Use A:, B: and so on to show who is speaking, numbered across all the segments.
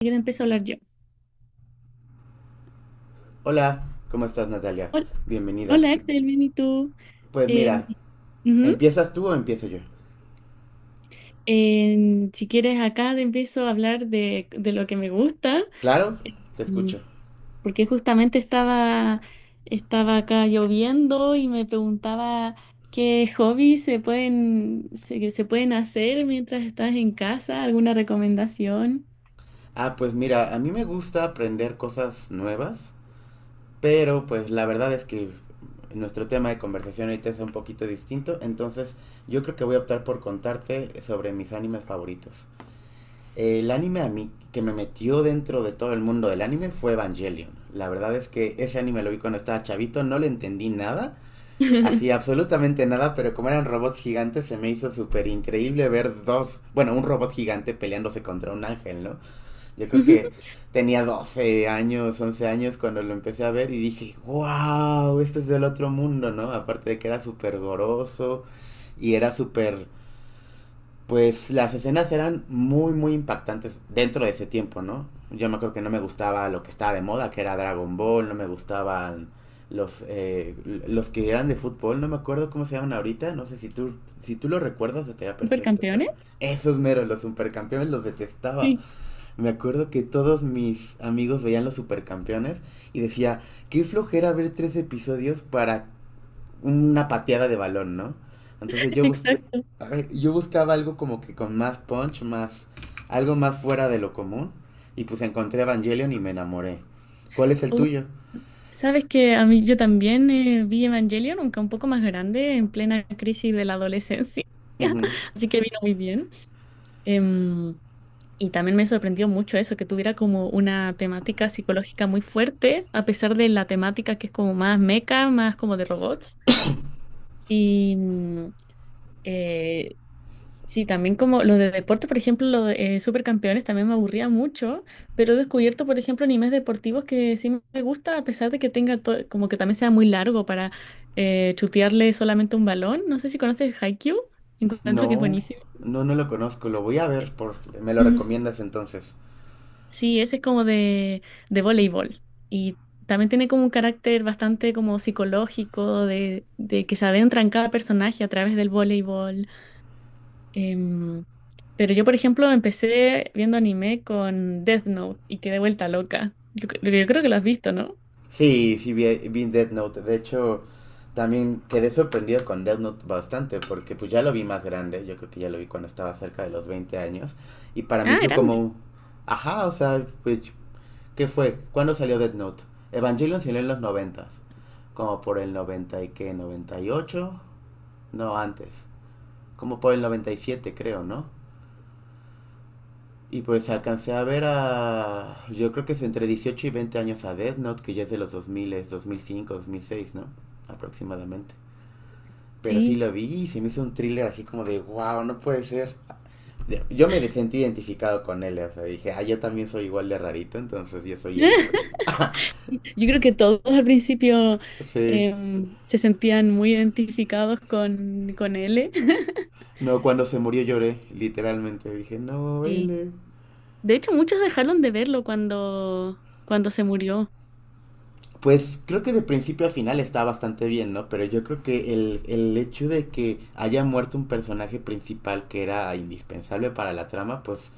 A: Siquiera empiezo a hablar yo.
B: Hola, ¿cómo estás, Natalia?
A: Hol-
B: Bienvenida.
A: Hola, Axel, bien, ¿y tú?
B: Pues
A: Em,
B: mira,
A: ujú.
B: ¿empiezas tú o empiezo yo?
A: Si quieres, acá te empiezo a hablar de lo que me gusta,
B: Claro, te
A: em,
B: escucho.
A: porque justamente estaba acá lloviendo y me preguntaba qué hobbies se que se pueden hacer mientras estás en casa, alguna recomendación.
B: Ah, pues mira, a mí me gusta aprender cosas nuevas, pero pues la verdad es que nuestro tema de conversación ahorita es un poquito distinto, entonces yo creo que voy a optar por contarte sobre mis animes favoritos. El anime a mí que me metió dentro de todo el mundo del anime fue Evangelion. La verdad es que ese anime lo vi cuando estaba chavito, no le entendí nada. Así, absolutamente nada, pero como eran robots gigantes, se me hizo súper increíble ver dos, bueno, un robot gigante peleándose contra un ángel, ¿no? Yo creo que tenía 12 años, 11 años cuando lo empecé a ver y dije, wow, esto es del otro mundo, ¿no? Aparte de que era súper goroso y era súper pues las escenas eran muy, muy impactantes dentro de ese tiempo, ¿no? Yo me acuerdo que no me gustaba lo que estaba de moda, que era Dragon Ball, no me gustaban los, eh, los que eran de fútbol, no me acuerdo cómo se llaman ahorita, no sé si tú, lo recuerdas estaría perfecto, pero
A: ¿Supercampeones?
B: esos meros, los supercampeones, los detestaba.
A: Sí,
B: Me acuerdo que todos mis amigos veían los supercampeones y decía, qué flojera ver 3 episodios para una pateada de balón, ¿no? Entonces
A: exacto.
B: yo buscaba algo como que con más punch, más algo más fuera de lo común. Y pues encontré Evangelion y me enamoré. ¿Cuál es el tuyo?
A: Sabes que a mí yo también vi Evangelion, aunque un poco más grande, en plena crisis de la adolescencia,
B: Ujú.
A: así que vino muy bien. Em, y también me sorprendió mucho eso, que tuviera como una temática psicológica muy fuerte, a pesar de la temática que es como más meca, más como de robots. Y eh, sí, también como los de deporte, por ejemplo, los de Supercampeones también me aburría mucho, pero he descubierto, por ejemplo, animes deportivos que sí me gusta, a pesar de que tenga como que también sea muy largo para chutearle solamente un balón. No sé si conoces Haikyuu, encuentro que es
B: No,
A: buenísimo.
B: no, no lo conozco. Lo voy a ver. ¿Me lo
A: Ujú.
B: recomiendas entonces?
A: Sí, ese es como de voleibol y también tiene como un carácter bastante como psicológico de que se adentra en cada personaje a través del voleibol. Em, pero yo, por ejemplo, empecé viendo anime con Death Note y quedé vuelta loca. Yo creo que lo has visto, ¿no?
B: Sí, sí, vi Death Note. De hecho, también quedé sorprendido con Death Note bastante porque pues ya lo vi más grande. Yo creo que ya lo vi cuando estaba cerca de los 20 años. Y para mí
A: Ah,
B: fue
A: grande.
B: como, ajá, o sea, pues ¿qué fue? ¿Cuándo salió Death Note? Evangelion salió en los noventas, como por el 90 y qué, 98, no, antes, como por el 97 creo, ¿no? Y pues alcancé a ver a, yo creo que es entre 18 y 20 años a Death Note, que ya es de los 2000, 2005, 2006, ¿no? Aproximadamente. Pero sí
A: Sí.
B: lo vi y se me hizo un thriller así como de, wow, no puede ser. Yo me sentí identificado con él, o sea, dije, ah, yo también soy igual de rarito, entonces yo soy él.
A: Yo creo que todos al principio
B: Sí.
A: se sentían muy identificados con él.
B: No, cuando se murió lloré, literalmente. Dije, no,
A: Sí.
B: L.
A: De hecho, muchos dejaron de verlo cuando se murió.
B: Pues creo que de principio a final está bastante bien, ¿no? Pero yo creo que el hecho de que haya muerto un personaje principal que era indispensable para la trama, pues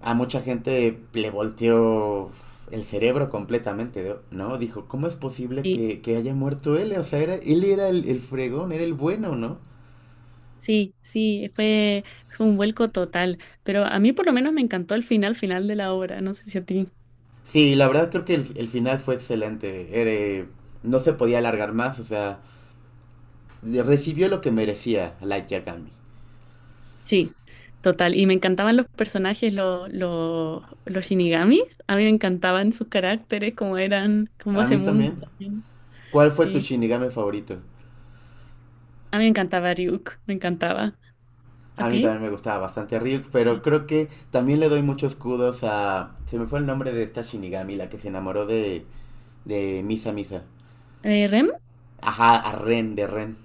B: a mucha gente le volteó el cerebro completamente, ¿no? Dijo, ¿cómo es posible
A: Sí,
B: que haya muerto él? O sea, era, él era el fregón, era el bueno, ¿no?
A: sí, sí, fue un vuelco total. Pero a mí por lo menos me encantó el final, final de la obra. No sé si a ti.
B: Sí, la verdad creo que el final fue excelente. Era, no se podía alargar más, o sea, recibió lo que merecía Light Yagami.
A: Sí, total. Y me encantaban los personajes, los shinigamis. A mí me encantaban sus caracteres, cómo eran, cómo
B: A
A: ese
B: mí
A: mundo.
B: también.
A: También.
B: ¿Cuál fue tu
A: Sí,
B: Shinigami favorito?
A: a mí me encantaba Ryuk, me encantaba. ¿A
B: A mí
A: ti?
B: también me gustaba bastante a Ryuk, pero
A: Sí.
B: creo que también le doy muchos kudos. Se me fue el nombre de esta Shinigami, la que se enamoró de Misa Misa.
A: ¿Rem?
B: Ajá, a Ren, de Ren.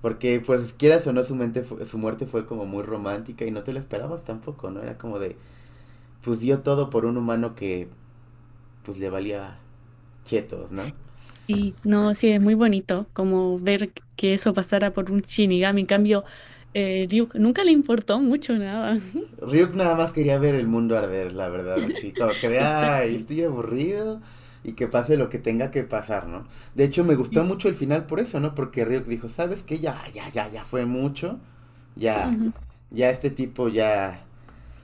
B: Porque, pues, quieras o no, su muerte fue como muy romántica y no te lo esperabas tampoco, ¿no? Era como de, pues dio todo por un humano que, pues, le valía chetos, ¿no?
A: Sí, no, sí, es muy bonito como ver que eso pasara por un shinigami. En cambio, Ryuk nunca le importó mucho nada.
B: Ryuk nada más quería ver el mundo arder, la verdad, así como que de, ay,
A: Exacto,
B: estoy aburrido y que pase lo que tenga que pasar, ¿no? De hecho, me gustó
A: sí.
B: mucho el final por eso, ¿no? Porque Ryuk dijo, ¿sabes qué? Ya, ya, ya, ya fue mucho, ya,
A: Ujú,
B: ya este tipo ya,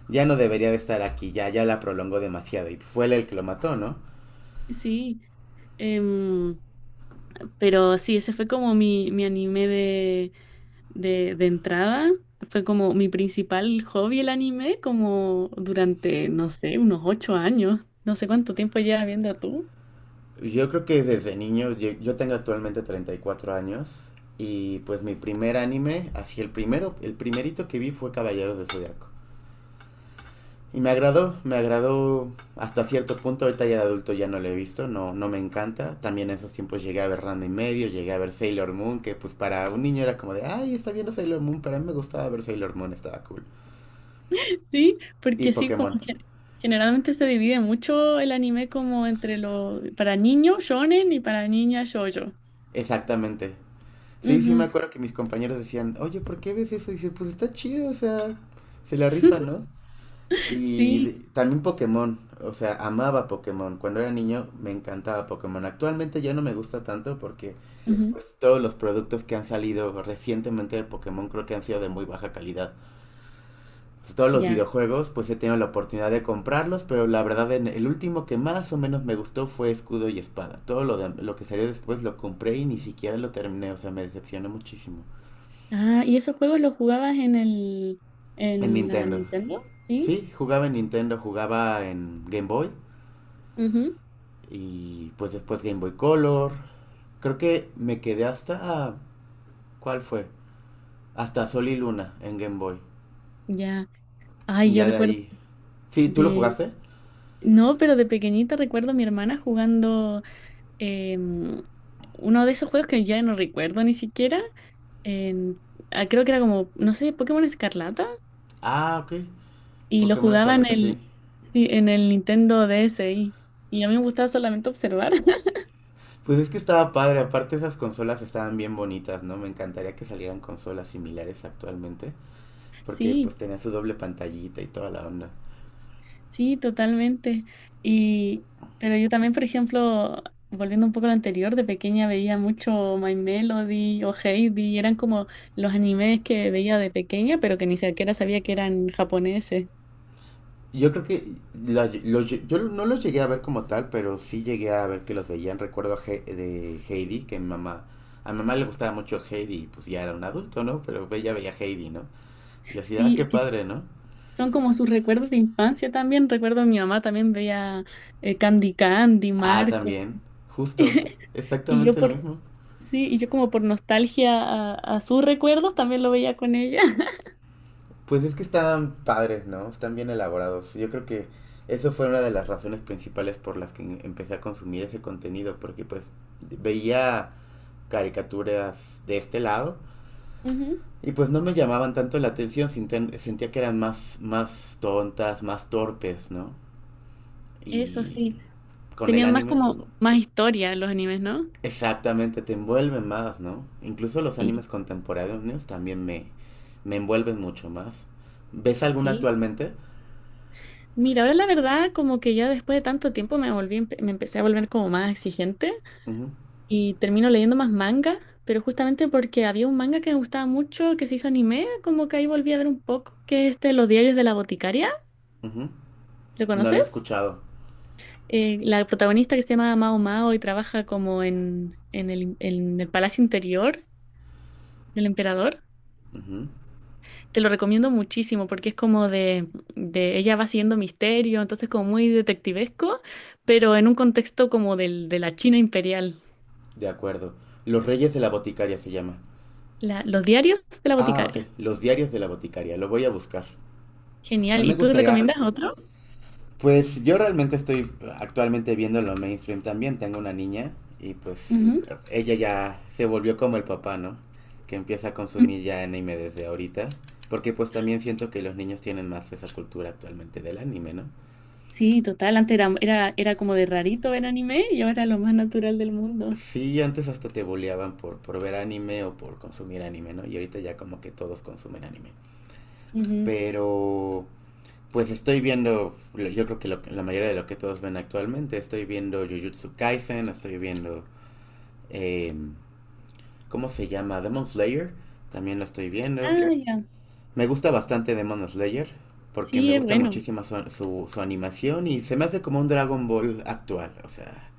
B: ya no debería de estar aquí, ya, ya la prolongó demasiado y fue él el que lo mató, ¿no?
A: sí, Em, pero sí, ese fue como mi anime de. De entrada. Fue como mi principal hobby el anime, como durante, no sé, unos 8 años. No sé cuánto tiempo llevas viendo tú.
B: Yo creo que desde niño, yo tengo actualmente 34 años y pues mi primer anime, así el primero, el primerito que vi fue Caballeros de Zodiaco. Y me agradó hasta cierto punto, ahorita ya de adulto ya no lo he visto, no, no me encanta. También en esos tiempos llegué a ver Ranma y medio, llegué a ver Sailor Moon, que pues para un niño era como de, ay, está viendo Sailor Moon, pero a mí me gustaba ver Sailor Moon, estaba cool.
A: Sí,
B: Y
A: porque sí, como
B: Pokémon,
A: que generalmente se divide mucho el anime como entre lo para niños shonen y para niñas shoujo.
B: exactamente. Sí, sí me
A: Ujú,
B: acuerdo que mis compañeros decían, oye, ¿por qué ves eso? Y dice, pues está chido, o sea, se la rifa, ¿no? Y
A: sí,
B: también Pokémon, o sea, amaba Pokémon. Cuando era niño me encantaba Pokémon. Actualmente ya no me gusta tanto porque
A: ujú,
B: pues todos los productos que han salido recientemente de Pokémon creo que han sido de muy baja calidad. Pues, todos los
A: ya.
B: videojuegos pues he tenido la oportunidad de comprarlos, pero la verdad el último que más o menos me gustó fue Escudo y Espada. Todo lo que salió después lo compré y ni siquiera lo terminé, o sea, me decepcionó muchísimo.
A: Ah, ¿y esos juegos los jugabas
B: En
A: en la
B: Nintendo.
A: Nintendo? Sí.
B: Sí, jugaba en Nintendo, jugaba en Game Boy
A: Ujú,
B: y pues después Game Boy Color. Creo que me quedé hasta. ¿Cuál fue? Hasta Sol y Luna en Game Boy.
A: ya. Ay,
B: Y
A: yo
B: ya de
A: recuerdo
B: ahí. Sí, ¿tú lo
A: de
B: jugaste?
A: no, pero de pequeñita recuerdo a mi hermana jugando, em, uno de esos juegos que ya no recuerdo ni siquiera. en- ah, creo que era como, no sé, Pokémon Escarlata.
B: Ah, ok.
A: Y lo
B: Pokémon
A: jugaba
B: Escarlata, sí.
A: sí, en el Nintendo DSi. Y a mí me gustaba solamente observar.
B: Pues es que estaba padre, aparte esas consolas estaban bien bonitas, ¿no? Me encantaría que salieran consolas similares actualmente, porque pues
A: Sí.
B: tenía su doble pantallita y toda la onda.
A: Sí, totalmente. Y, pero yo también, por ejemplo, volviendo un poco a lo anterior, de pequeña veía mucho My Melody o Heidi, eran como los animes que veía de pequeña, pero que ni siquiera sabía que eran japoneses.
B: Yo creo que yo no los llegué a ver como tal, pero sí llegué a ver que los veían. Recuerdo a de Heidi, que mi mamá, a mi mamá le gustaba mucho Heidi, y pues ya era un adulto, ¿no? Pero ella veía Heidi, ¿no? Y así, ah,
A: Sí,
B: qué
A: es que sí,
B: padre, ¿no?
A: son como sus recuerdos de infancia también. Recuerdo a mi mamá también veía Candy Candy,
B: Ah,
A: Marco.
B: también, justo,
A: Y yo
B: exactamente lo
A: por,
B: mismo.
A: sí, y yo como por nostalgia a sus recuerdos también lo veía con ella.
B: Pues es que están padres, ¿no? Están bien elaborados. Yo creo que eso fue una de las razones principales por las que empecé a consumir ese contenido, porque pues veía caricaturas de este lado
A: Ujú,
B: y pues no me llamaban tanto la atención, sentía que eran más, más tontas, más torpes, ¿no?
A: eso
B: Y
A: sí.
B: con el
A: Tenían más
B: anime, pues
A: como más historia los animes, ¿no?
B: exactamente, te envuelven más, ¿no? Incluso los
A: Sí,
B: animes contemporáneos también me envuelven mucho más. ¿Ves alguna
A: sí.
B: actualmente?
A: Mira, ahora la verdad, como que ya después de tanto tiempo me empecé a volver como más exigente
B: Ujú,
A: y termino leyendo más manga, pero justamente porque había un manga que me gustaba mucho que se hizo anime, como que ahí volví a ver un poco, que es este Los diarios de la boticaria,
B: ujú.
A: ¿lo
B: No lo he
A: conoces?
B: escuchado.
A: La protagonista que se llama Mao Mao y trabaja como en el palacio interior del emperador.
B: Ujú.
A: Te lo recomiendo muchísimo porque es como de ella va siendo misterio, entonces como muy detectivesco, pero en un contexto como del, de la China imperial.
B: De acuerdo. Los Reyes de la Boticaria se llama.
A: Los diarios de la
B: Ah, ok.
A: boticaria.
B: Los Diarios de la Boticaria. Lo voy a buscar. A
A: Genial.
B: mí me
A: ¿Y tú
B: gustaría.
A: recomiendas otro?
B: Pues yo realmente estoy actualmente viendo lo mainstream también. Tengo una niña y pues
A: Ujú.
B: ella ya se volvió como el papá, ¿no? Que empieza a consumir ya anime desde ahorita. Porque pues también siento que los niños tienen más esa cultura actualmente del anime, ¿no?
A: Sí, total. Antes era como de rarito ver anime y ahora lo más natural del mundo.
B: Sí, antes hasta te boleaban por, ver anime o por consumir anime, ¿no? Y ahorita ya como que todos consumen anime.
A: Ujú.
B: Pero pues estoy viendo, yo creo que la mayoría de lo que todos ven actualmente, estoy viendo Jujutsu Kaisen, estoy viendo, eh, ¿cómo se llama? Demon Slayer, también lo estoy viendo.
A: Ah, ya.
B: Me gusta bastante Demon Slayer, porque
A: Sí,
B: me
A: es
B: gusta
A: bueno.
B: muchísimo su animación y se me hace como un Dragon Ball actual, o sea,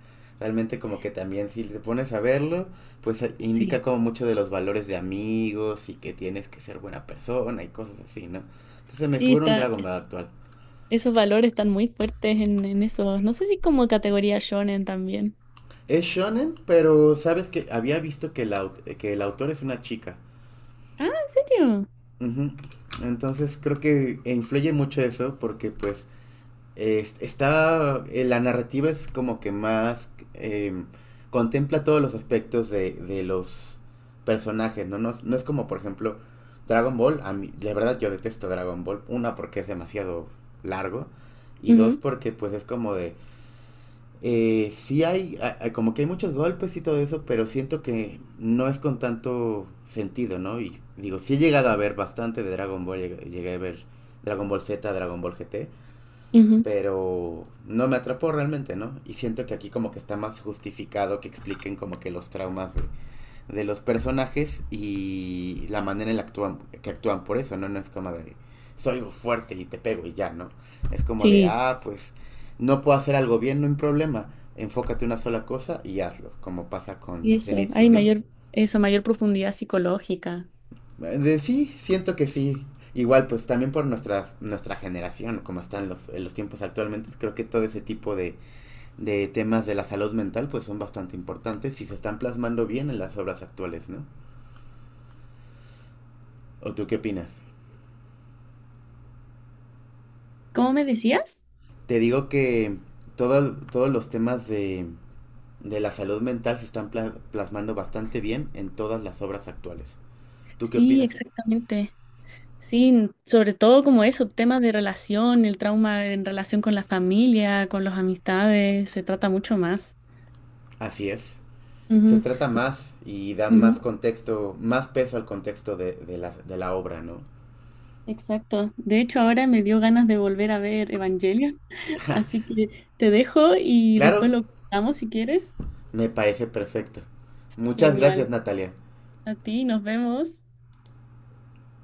B: realmente como que también si te pones a verlo, pues indica
A: Sí.
B: como mucho de los valores de amigos y que tienes que ser buena persona y cosas así, ¿no? Entonces me
A: Sí,
B: figura un
A: está,
B: Dragon Ball actual.
A: esos valores están muy fuertes en esos. No sé si como categoría shonen también.
B: Es shonen, pero sabes que había visto que el, que el autor es una chica.
A: Ah, ¿en serio?
B: Ujú. Entonces creo que influye mucho eso porque pues está la narrativa es como que más em, contempla todos los aspectos de los personajes, ¿no? No, no es como por ejemplo Dragon Ball, a mí, la verdad yo detesto Dragon Ball, una porque es demasiado largo y dos
A: Ujú,
B: porque pues es como de sí hay, como que hay muchos golpes y todo eso, pero siento que no es con tanto sentido, ¿no? Y digo, sí he llegado a ver bastante de Dragon Ball, llegué a ver Dragon Ball Z, Dragon Ball GT,
A: ujú.
B: pero no me atrapó realmente, ¿no? Y siento que aquí como que está más justificado que expliquen como que los traumas de los personajes y la manera en la actúan, que actúan por eso, ¿no? No es como de soy fuerte y te pego y ya, ¿no? Es como de,
A: Sí,
B: ah, pues no puedo hacer algo bien, no hay problema. Enfócate en una sola cosa y hazlo, como pasa con
A: y eso,
B: Zenitsu,
A: hay
B: ¿no?
A: mayor, eso, mayor profundidad psicológica.
B: De sí, siento que sí. Igual, pues también por nuestra generación, como están en los tiempos actualmente, creo que todo ese tipo de temas de la salud mental, pues son bastante importantes y se están plasmando bien en las obras actuales, ¿no? ¿O tú qué opinas?
A: ¿Cómo me decías?
B: Te digo que todos los temas de la salud mental se están plasmando bastante bien en todas las obras actuales. ¿Tú qué
A: Sí,
B: opinas?
A: exactamente. Sí, sobre todo como eso, temas de relación, el trauma en relación con la familia, con las amistades, se trata mucho más.
B: Así es. Se
A: Ujú,
B: trata más y dan más
A: ujú,
B: contexto, más peso al contexto de la obra, ¿no?
A: exacto. De hecho, ahora me dio ganas de volver a ver Evangelion, así que te dejo y después
B: Claro,
A: lo contamos si quieres.
B: me parece perfecto. Muchas
A: Genial.
B: gracias, Natalia.
A: A ti, nos vemos.